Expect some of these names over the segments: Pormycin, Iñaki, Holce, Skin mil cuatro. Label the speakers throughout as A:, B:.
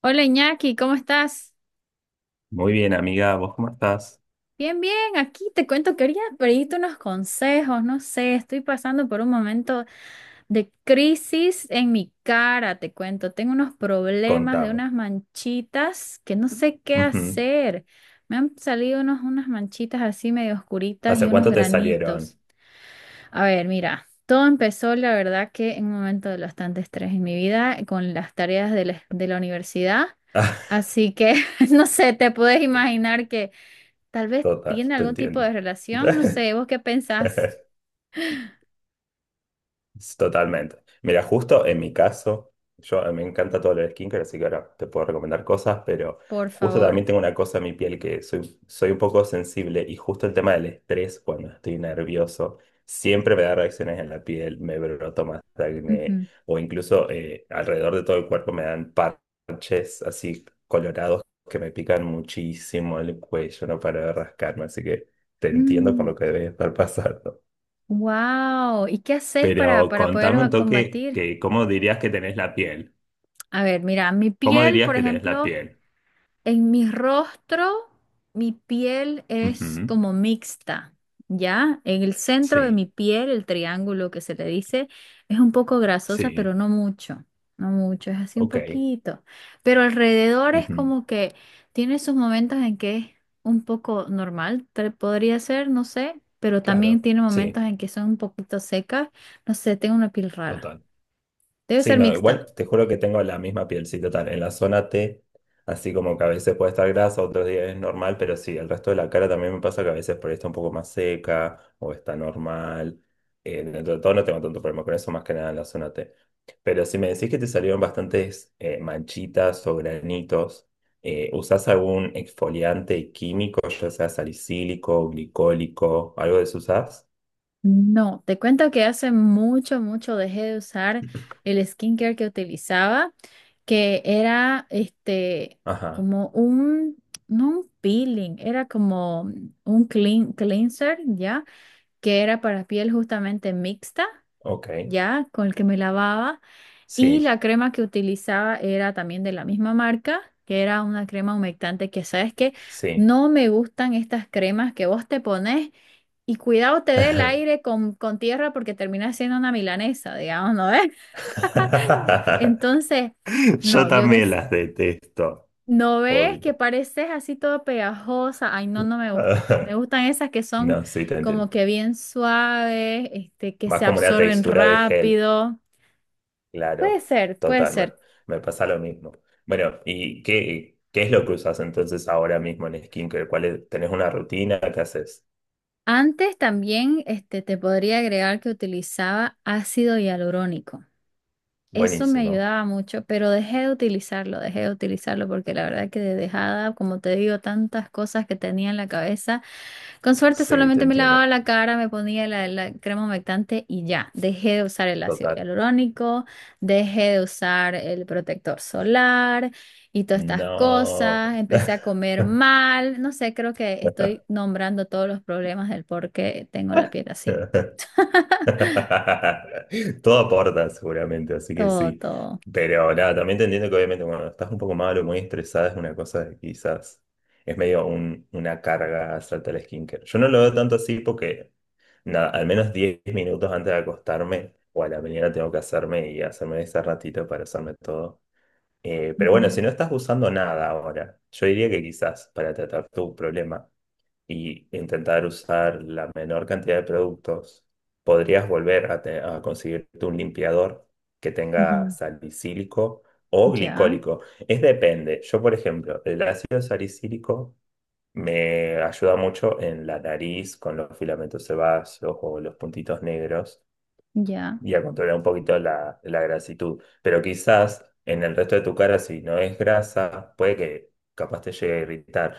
A: Hola Iñaki, ¿cómo estás?
B: Muy bien, amiga, ¿vos cómo estás?
A: Bien, bien, aquí te cuento, que quería pedirte unos consejos, no sé, estoy pasando por un momento de crisis en mi cara, te cuento, tengo unos problemas de
B: Contame.
A: unas manchitas que no sé qué
B: Ujú.
A: hacer. Me han salido unas manchitas así medio oscuritas y
B: ¿Hace
A: unos
B: cuánto te salieron?
A: granitos. A ver, mira, todo empezó, la verdad, que en un momento de bastante estrés en mi vida, con las tareas de la universidad. Así que, no sé, te puedes imaginar que tal vez
B: Total,
A: tiene
B: te
A: algún tipo
B: entiendo.
A: de relación. No sé, ¿vos qué pensás?
B: Totalmente. Mira, justo en mi caso, yo me encanta todo lo de skincare, así que ahora te puedo recomendar cosas. Pero
A: Por
B: justo también
A: favor.
B: tengo una cosa en mi piel, que soy un poco sensible, y justo el tema del estrés, cuando estoy nervioso, siempre me da reacciones en la piel, me broto más acné,
A: Ujú.
B: o incluso alrededor de todo el cuerpo me dan parches así colorados, que me pican muchísimo el cuello, no paro de rascarme, así que te entiendo por
A: Mm,
B: lo que debes estar pasando.
A: wow. ¿Y qué haces
B: Pero
A: para poder
B: contame un toque,
A: combatir?
B: que ¿cómo dirías que tenés la piel?
A: A ver, mira, mi
B: ¿Cómo
A: piel,
B: dirías
A: por
B: que tenés la
A: ejemplo.
B: piel?
A: En mi rostro, mi piel es
B: Ujú.
A: como mixta, ¿ya? En el centro de
B: Sí,
A: mi piel, el triángulo que se le dice, es un poco grasosa,
B: sí,
A: pero no mucho, no mucho, es así un
B: ok.
A: poquito. Pero alrededor es
B: Ujú.
A: como que tiene sus momentos en que es un poco normal, podría ser, no sé, pero también
B: Claro,
A: tiene momentos
B: sí,
A: en que son un poquito secas, no sé, tengo una piel rara.
B: total.
A: Debe
B: Sí,
A: ser
B: no,
A: mixta.
B: igual te juro que tengo la misma piel, sí, total. En la zona T, así como que a veces puede estar grasa, otros días es normal. Pero sí, el resto de la cara también me pasa que a veces por ahí está un poco más seca o está normal. Dentro de todo no tengo tanto problema con eso, más que nada en la zona T. Pero si me decís que te salieron bastantes manchitas o granitos, ¿usás algún exfoliante químico, ya sea salicílico, glicólico, algo de eso usás?
A: No, te cuento que hace mucho, mucho dejé de usar el skincare que utilizaba, que era este
B: Ajá,
A: como un, no un peeling, era como un cleanser, ¿ya? Que era para piel justamente mixta,
B: ok,
A: ¿ya? Con el que me lavaba. Y la
B: sí,
A: crema que utilizaba era también de la misma marca, que era una crema humectante que, ¿sabes que
B: sí.
A: No me gustan estas cremas que vos te pones. Y cuidado te dé el aire con tierra porque termina siendo una milanesa, digamos, ¿no ves? Entonces,
B: Yo
A: no,
B: también las detesto,
A: no ves que
B: odio.
A: pareces así todo pegajosa. Ay, no, no me gusta. Me gustan esas que son
B: No, sí, te entiendo.
A: como que bien suaves, este, que
B: Más
A: se
B: como la
A: absorben
B: textura de gel,
A: rápido. Puede
B: claro,
A: ser, puede
B: total.
A: ser.
B: Me pasa lo mismo. Bueno, ¿y qué es lo que usas entonces ahora mismo en skincare? ¿Cuál es- tenés una rutina? ¿Qué haces?
A: Antes también, este, te podría agregar que utilizaba ácido hialurónico. Eso me
B: Buenísimo,
A: ayudaba mucho, pero dejé de utilizarlo porque la verdad que de dejada, como te digo, tantas cosas que tenía en la cabeza. Con suerte
B: sí, te
A: solamente me lavaba
B: entiendo,
A: la cara, me ponía la crema humectante y ya, dejé de usar el ácido
B: total.
A: hialurónico, dejé de usar el protector solar y todas estas
B: No.
A: cosas. Empecé a comer mal, no sé, creo que estoy nombrando todos los problemas del por qué tengo la piel así.
B: Todo aporta seguramente, así que
A: Todo,
B: sí.
A: todo.
B: Pero nada, también te entiendo que obviamente cuando estás un poco malo, muy estresada, es una cosa que quizás es medio un- una carga hacerte el skincare. Yo no lo veo tanto así, porque nada, al menos 10 minutos antes de acostarme o a la mañana tengo que hacerme y hacerme ese ratito para hacerme todo. Pero bueno,
A: Ujú,
B: si no estás usando nada ahora, yo diría que quizás para tratar tu problema y intentar usar la menor cantidad de productos, podrías volver a, a conseguirte un limpiador que tenga
A: ujú.
B: salicílico o
A: Ya,
B: glicólico. Es depende. Yo, por ejemplo, el ácido salicílico me ayuda mucho en la nariz con los filamentos sebáceos o los puntitos negros,
A: ya.
B: y a controlar un poquito la grasitud. Pero quizás en el resto de tu cara, si no es grasa, puede que capaz te llegue a irritar.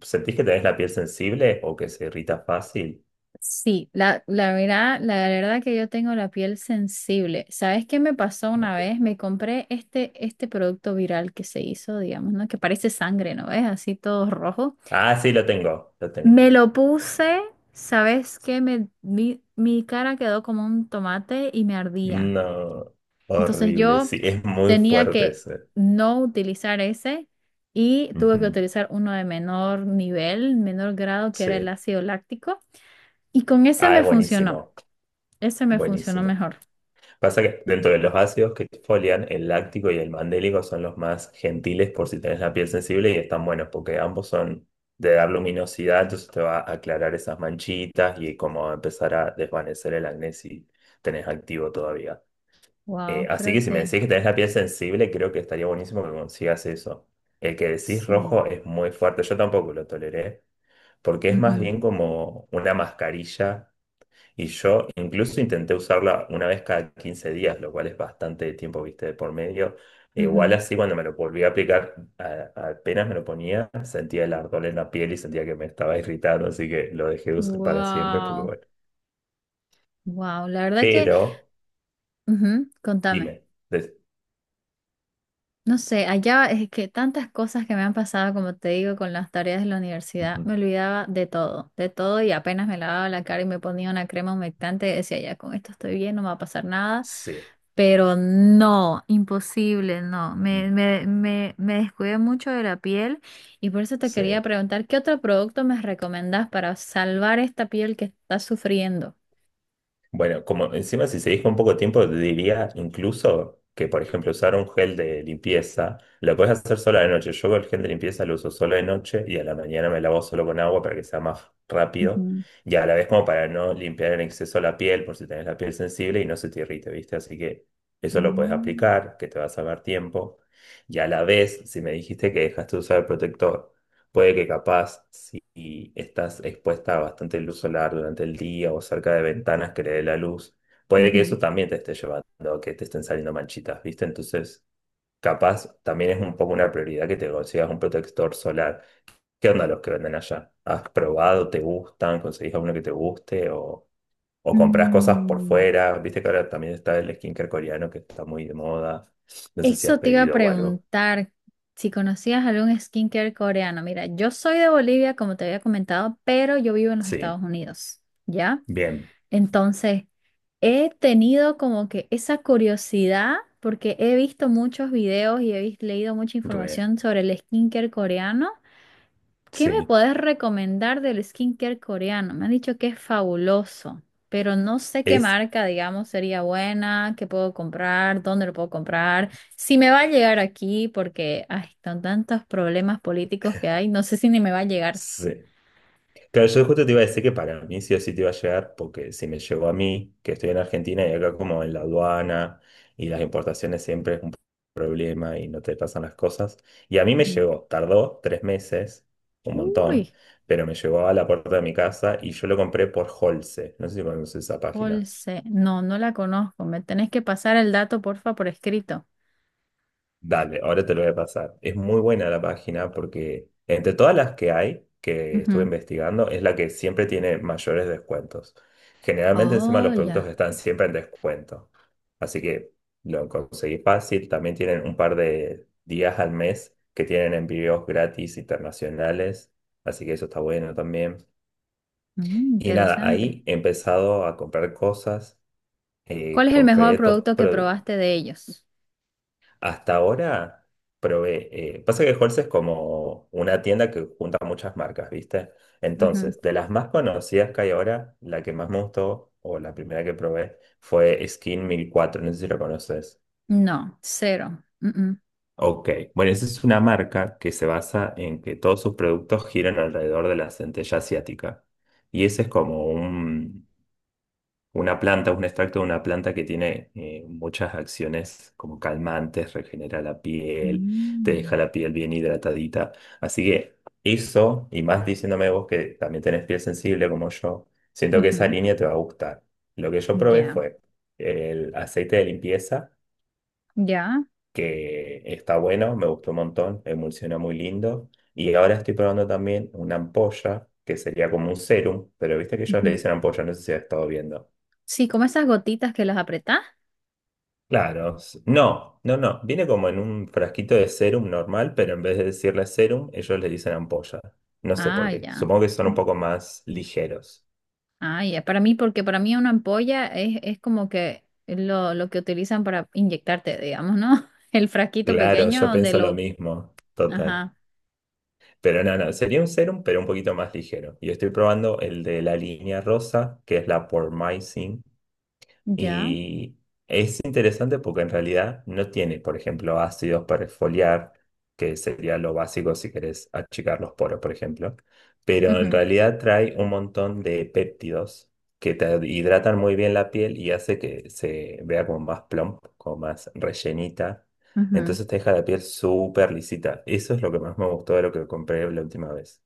B: ¿Sentís que tenés la piel sensible o que se irrita fácil?
A: Sí, la verdad que yo tengo la piel sensible. ¿Sabes qué me pasó
B: No
A: una
B: sé.
A: vez? Me compré este producto viral que se hizo, digamos, ¿no? Que parece sangre, ¿no ves? Así todo rojo.
B: Ah, sí, lo tengo, lo tengo.
A: Me lo puse, ¿sabes qué? Mi cara quedó como un tomate y me ardía.
B: No,
A: Entonces
B: horrible,
A: yo
B: sí, es muy
A: tenía
B: fuerte
A: que
B: ese.
A: no utilizar ese y tuve que
B: Ujú.
A: utilizar uno de menor nivel, menor grado, que era el
B: Sí.
A: ácido láctico. Y con ese
B: Ah,
A: me
B: es
A: funcionó.
B: buenísimo,
A: Ese me funcionó
B: buenísimo.
A: mejor.
B: Pasa que dentro de los ácidos que exfolian, el láctico y el mandélico son los más gentiles por si tenés la piel sensible, y están buenos porque ambos son de dar luminosidad. Entonces te va a aclarar esas manchitas y como va a empezar a desvanecer el acné, si tenés activo todavía.
A: Wow,
B: Así
A: creo
B: que si me
A: que
B: decís que tenés la piel sensible, creo que estaría buenísimo que consigas eso. El que decís
A: sí.
B: rojo es muy fuerte, yo tampoco lo toleré porque es más
A: Ujú,
B: bien como una mascarilla, y yo incluso intenté usarla una vez cada 15 días, lo cual es bastante tiempo, viste, de por medio. E igual
A: ujú.
B: así, cuando me lo volví a aplicar, apenas me lo ponía, sentía el ardor en la piel y sentía que me estaba irritando, así que lo dejé de usar para siempre, porque
A: Wow,
B: bueno.
A: wow. La verdad que,
B: Pero,
A: ujú, contame.
B: dime. Des-.
A: No sé, allá es que tantas cosas que me han pasado, como te digo, con las tareas de la universidad,
B: Ujú.
A: me olvidaba de todo y apenas me lavaba la cara y me ponía una crema humectante, decía, ya con esto estoy bien, no me va a pasar nada,
B: Sí,
A: pero no, imposible, no,
B: mm,
A: me descuidé mucho de la piel y por eso te quería
B: sí.
A: preguntar, ¿qué otro producto me recomendás para salvar esta piel que está sufriendo?
B: Bueno, como encima si se dijo un poco tiempo, te diría incluso que, por ejemplo, usar un gel de limpieza, lo puedes hacer solo de noche. Yo el gel de limpieza lo uso solo de noche, y a la mañana me lavo solo con agua para que sea más rápido
A: Ujú.
B: y a la vez como para no limpiar en exceso la piel, por si tenés la piel sensible y no se te irrite, ¿viste? Así que eso lo puedes
A: Mm,
B: aplicar, que te va a salvar tiempo. Y a la vez, si me dijiste que dejaste de usar el protector. Puede que capaz, si estás expuesta a bastante luz solar durante el día o cerca de ventanas que le dé la luz, puede que
A: ujú.
B: eso también te esté llevando a que te estén saliendo manchitas, ¿viste? Entonces, capaz también es un poco una prioridad que te consigas un protector solar. ¿Qué onda los que venden allá? ¿Has probado? ¿Te gustan? ¿Conseguís alguno que te guste? O compras cosas por
A: Mm.
B: fuera? ¿Viste que ahora también está el skincare coreano que está muy de moda? No sé si has
A: Eso te iba a
B: pedido o algo.
A: preguntar si conocías algún skincare coreano. Mira, yo soy de Bolivia, como te había comentado, pero yo vivo en los
B: Sí,
A: Estados Unidos, ¿ya?
B: bien,
A: Entonces, he tenido como que esa curiosidad porque he visto muchos videos y leído mucha
B: re,
A: información sobre el skincare coreano. ¿Qué me
B: sí.
A: puedes recomendar del skincare coreano? Me han dicho que es fabuloso, pero no sé qué
B: Es.
A: marca, digamos, sería buena, qué puedo comprar, dónde lo puedo comprar, si me va a llegar aquí, porque ay, con tantos problemas políticos que hay, no sé si ni me va a llegar.
B: Sí. Claro, yo justo te iba a decir que para mí sí o sí te iba a llegar, porque si me llegó a mí, que estoy en Argentina, y acá como en la aduana y las importaciones siempre es un problema y no te pasan las cosas. Y a mí me
A: Ujú.
B: llegó, tardó 3 meses, un montón,
A: Uy,
B: pero me llegó a la puerta de mi casa, y yo lo compré por Holce. No sé si conoces esa página.
A: Holse, no, no la conozco. Me tenés que pasar el dato, porfa, por escrito.
B: Dale, ahora te lo voy a pasar. Es muy buena la página porque entre todas las que hay, que estuve
A: Ujú.
B: investigando, es la que siempre tiene mayores descuentos. Generalmente encima
A: Oh,
B: los productos
A: ya.
B: están siempre en descuento. Así que lo conseguí fácil. También tienen un par de días al mes que tienen envíos gratis internacionales. Así que eso está bueno también.
A: Mm,
B: Y nada,
A: interesante.
B: ahí he empezado a comprar cosas.
A: ¿Cuál es el mejor
B: Compré dos.
A: producto que probaste de ellos?
B: Hasta ahora probé. Pasa que Halls es como una tienda que junta muchas marcas, ¿viste? Entonces, de las más conocidas que hay ahora, la que más me gustó o la primera que probé fue Skin 1004. No sé si lo conoces.
A: No, cero. Mm,
B: Ok. Bueno, esa es una marca que se basa en que todos sus productos giran alrededor de la centella asiática. Y ese es como un, una planta, un extracto de una planta que tiene muchas acciones como calmantes, regenera la piel, te deja
A: mm.
B: la piel bien hidratadita. Así que eso, y más diciéndome vos que también tenés piel sensible como yo, siento
A: Mm,
B: que
A: ujú.
B: esa línea te va a gustar. Lo que yo probé
A: Ya,
B: fue el aceite de limpieza,
A: ya.
B: que está bueno, me gustó un montón, emulsiona muy lindo. Y ahora estoy probando también una ampolla, que sería como un serum, pero viste que ellos le
A: Ujú.
B: dicen ampolla, no sé si has estado viendo.
A: Sí, como esas gotitas que las apretás.
B: Claro, no. Viene como en un frasquito de serum normal, pero en vez de decirle serum, ellos le dicen ampolla. No sé
A: Ah,
B: por qué.
A: ya.
B: Supongo que son un
A: Mm.
B: poco más ligeros.
A: Ah, ya. Para mí, porque para mí una ampolla es como que lo que utilizan para inyectarte, digamos, ¿no? El frasquito
B: Claro,
A: pequeño
B: yo
A: donde
B: pienso lo
A: lo...
B: mismo, total.
A: Ajá,
B: Pero no, sería un serum, pero un poquito más ligero. Yo estoy probando el de la línea rosa, que es la Pormycin.
A: ya.
B: Y es interesante porque en realidad no tiene, por ejemplo, ácidos para exfoliar, que sería lo básico si querés achicar los poros, por ejemplo. Pero en
A: Ujú,
B: realidad trae un montón de péptidos que te hidratan muy bien la piel y hace que se vea como más plump, como más rellenita.
A: ujú.
B: Entonces te deja la piel súper lisita. Eso es lo que más me gustó de lo que compré la última vez.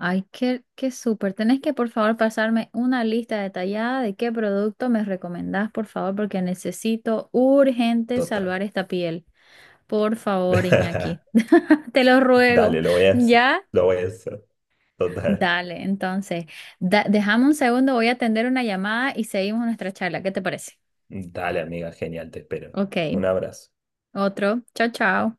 A: Ay, qué, qué súper. Tenés que, por favor, pasarme una lista detallada de qué producto me recomendás, por favor, porque necesito urgente
B: Total.
A: salvar esta piel. Por favor, Iñaki. Te lo ruego.
B: Dale,
A: ¿Ya?
B: lo voy a hacer. Total.
A: Dale, entonces, dejame un segundo, voy a atender una llamada y seguimos nuestra charla. ¿Qué te parece?
B: Dale, amiga, genial, te espero.
A: Ok,
B: Un abrazo.
A: otro. Chao, chao.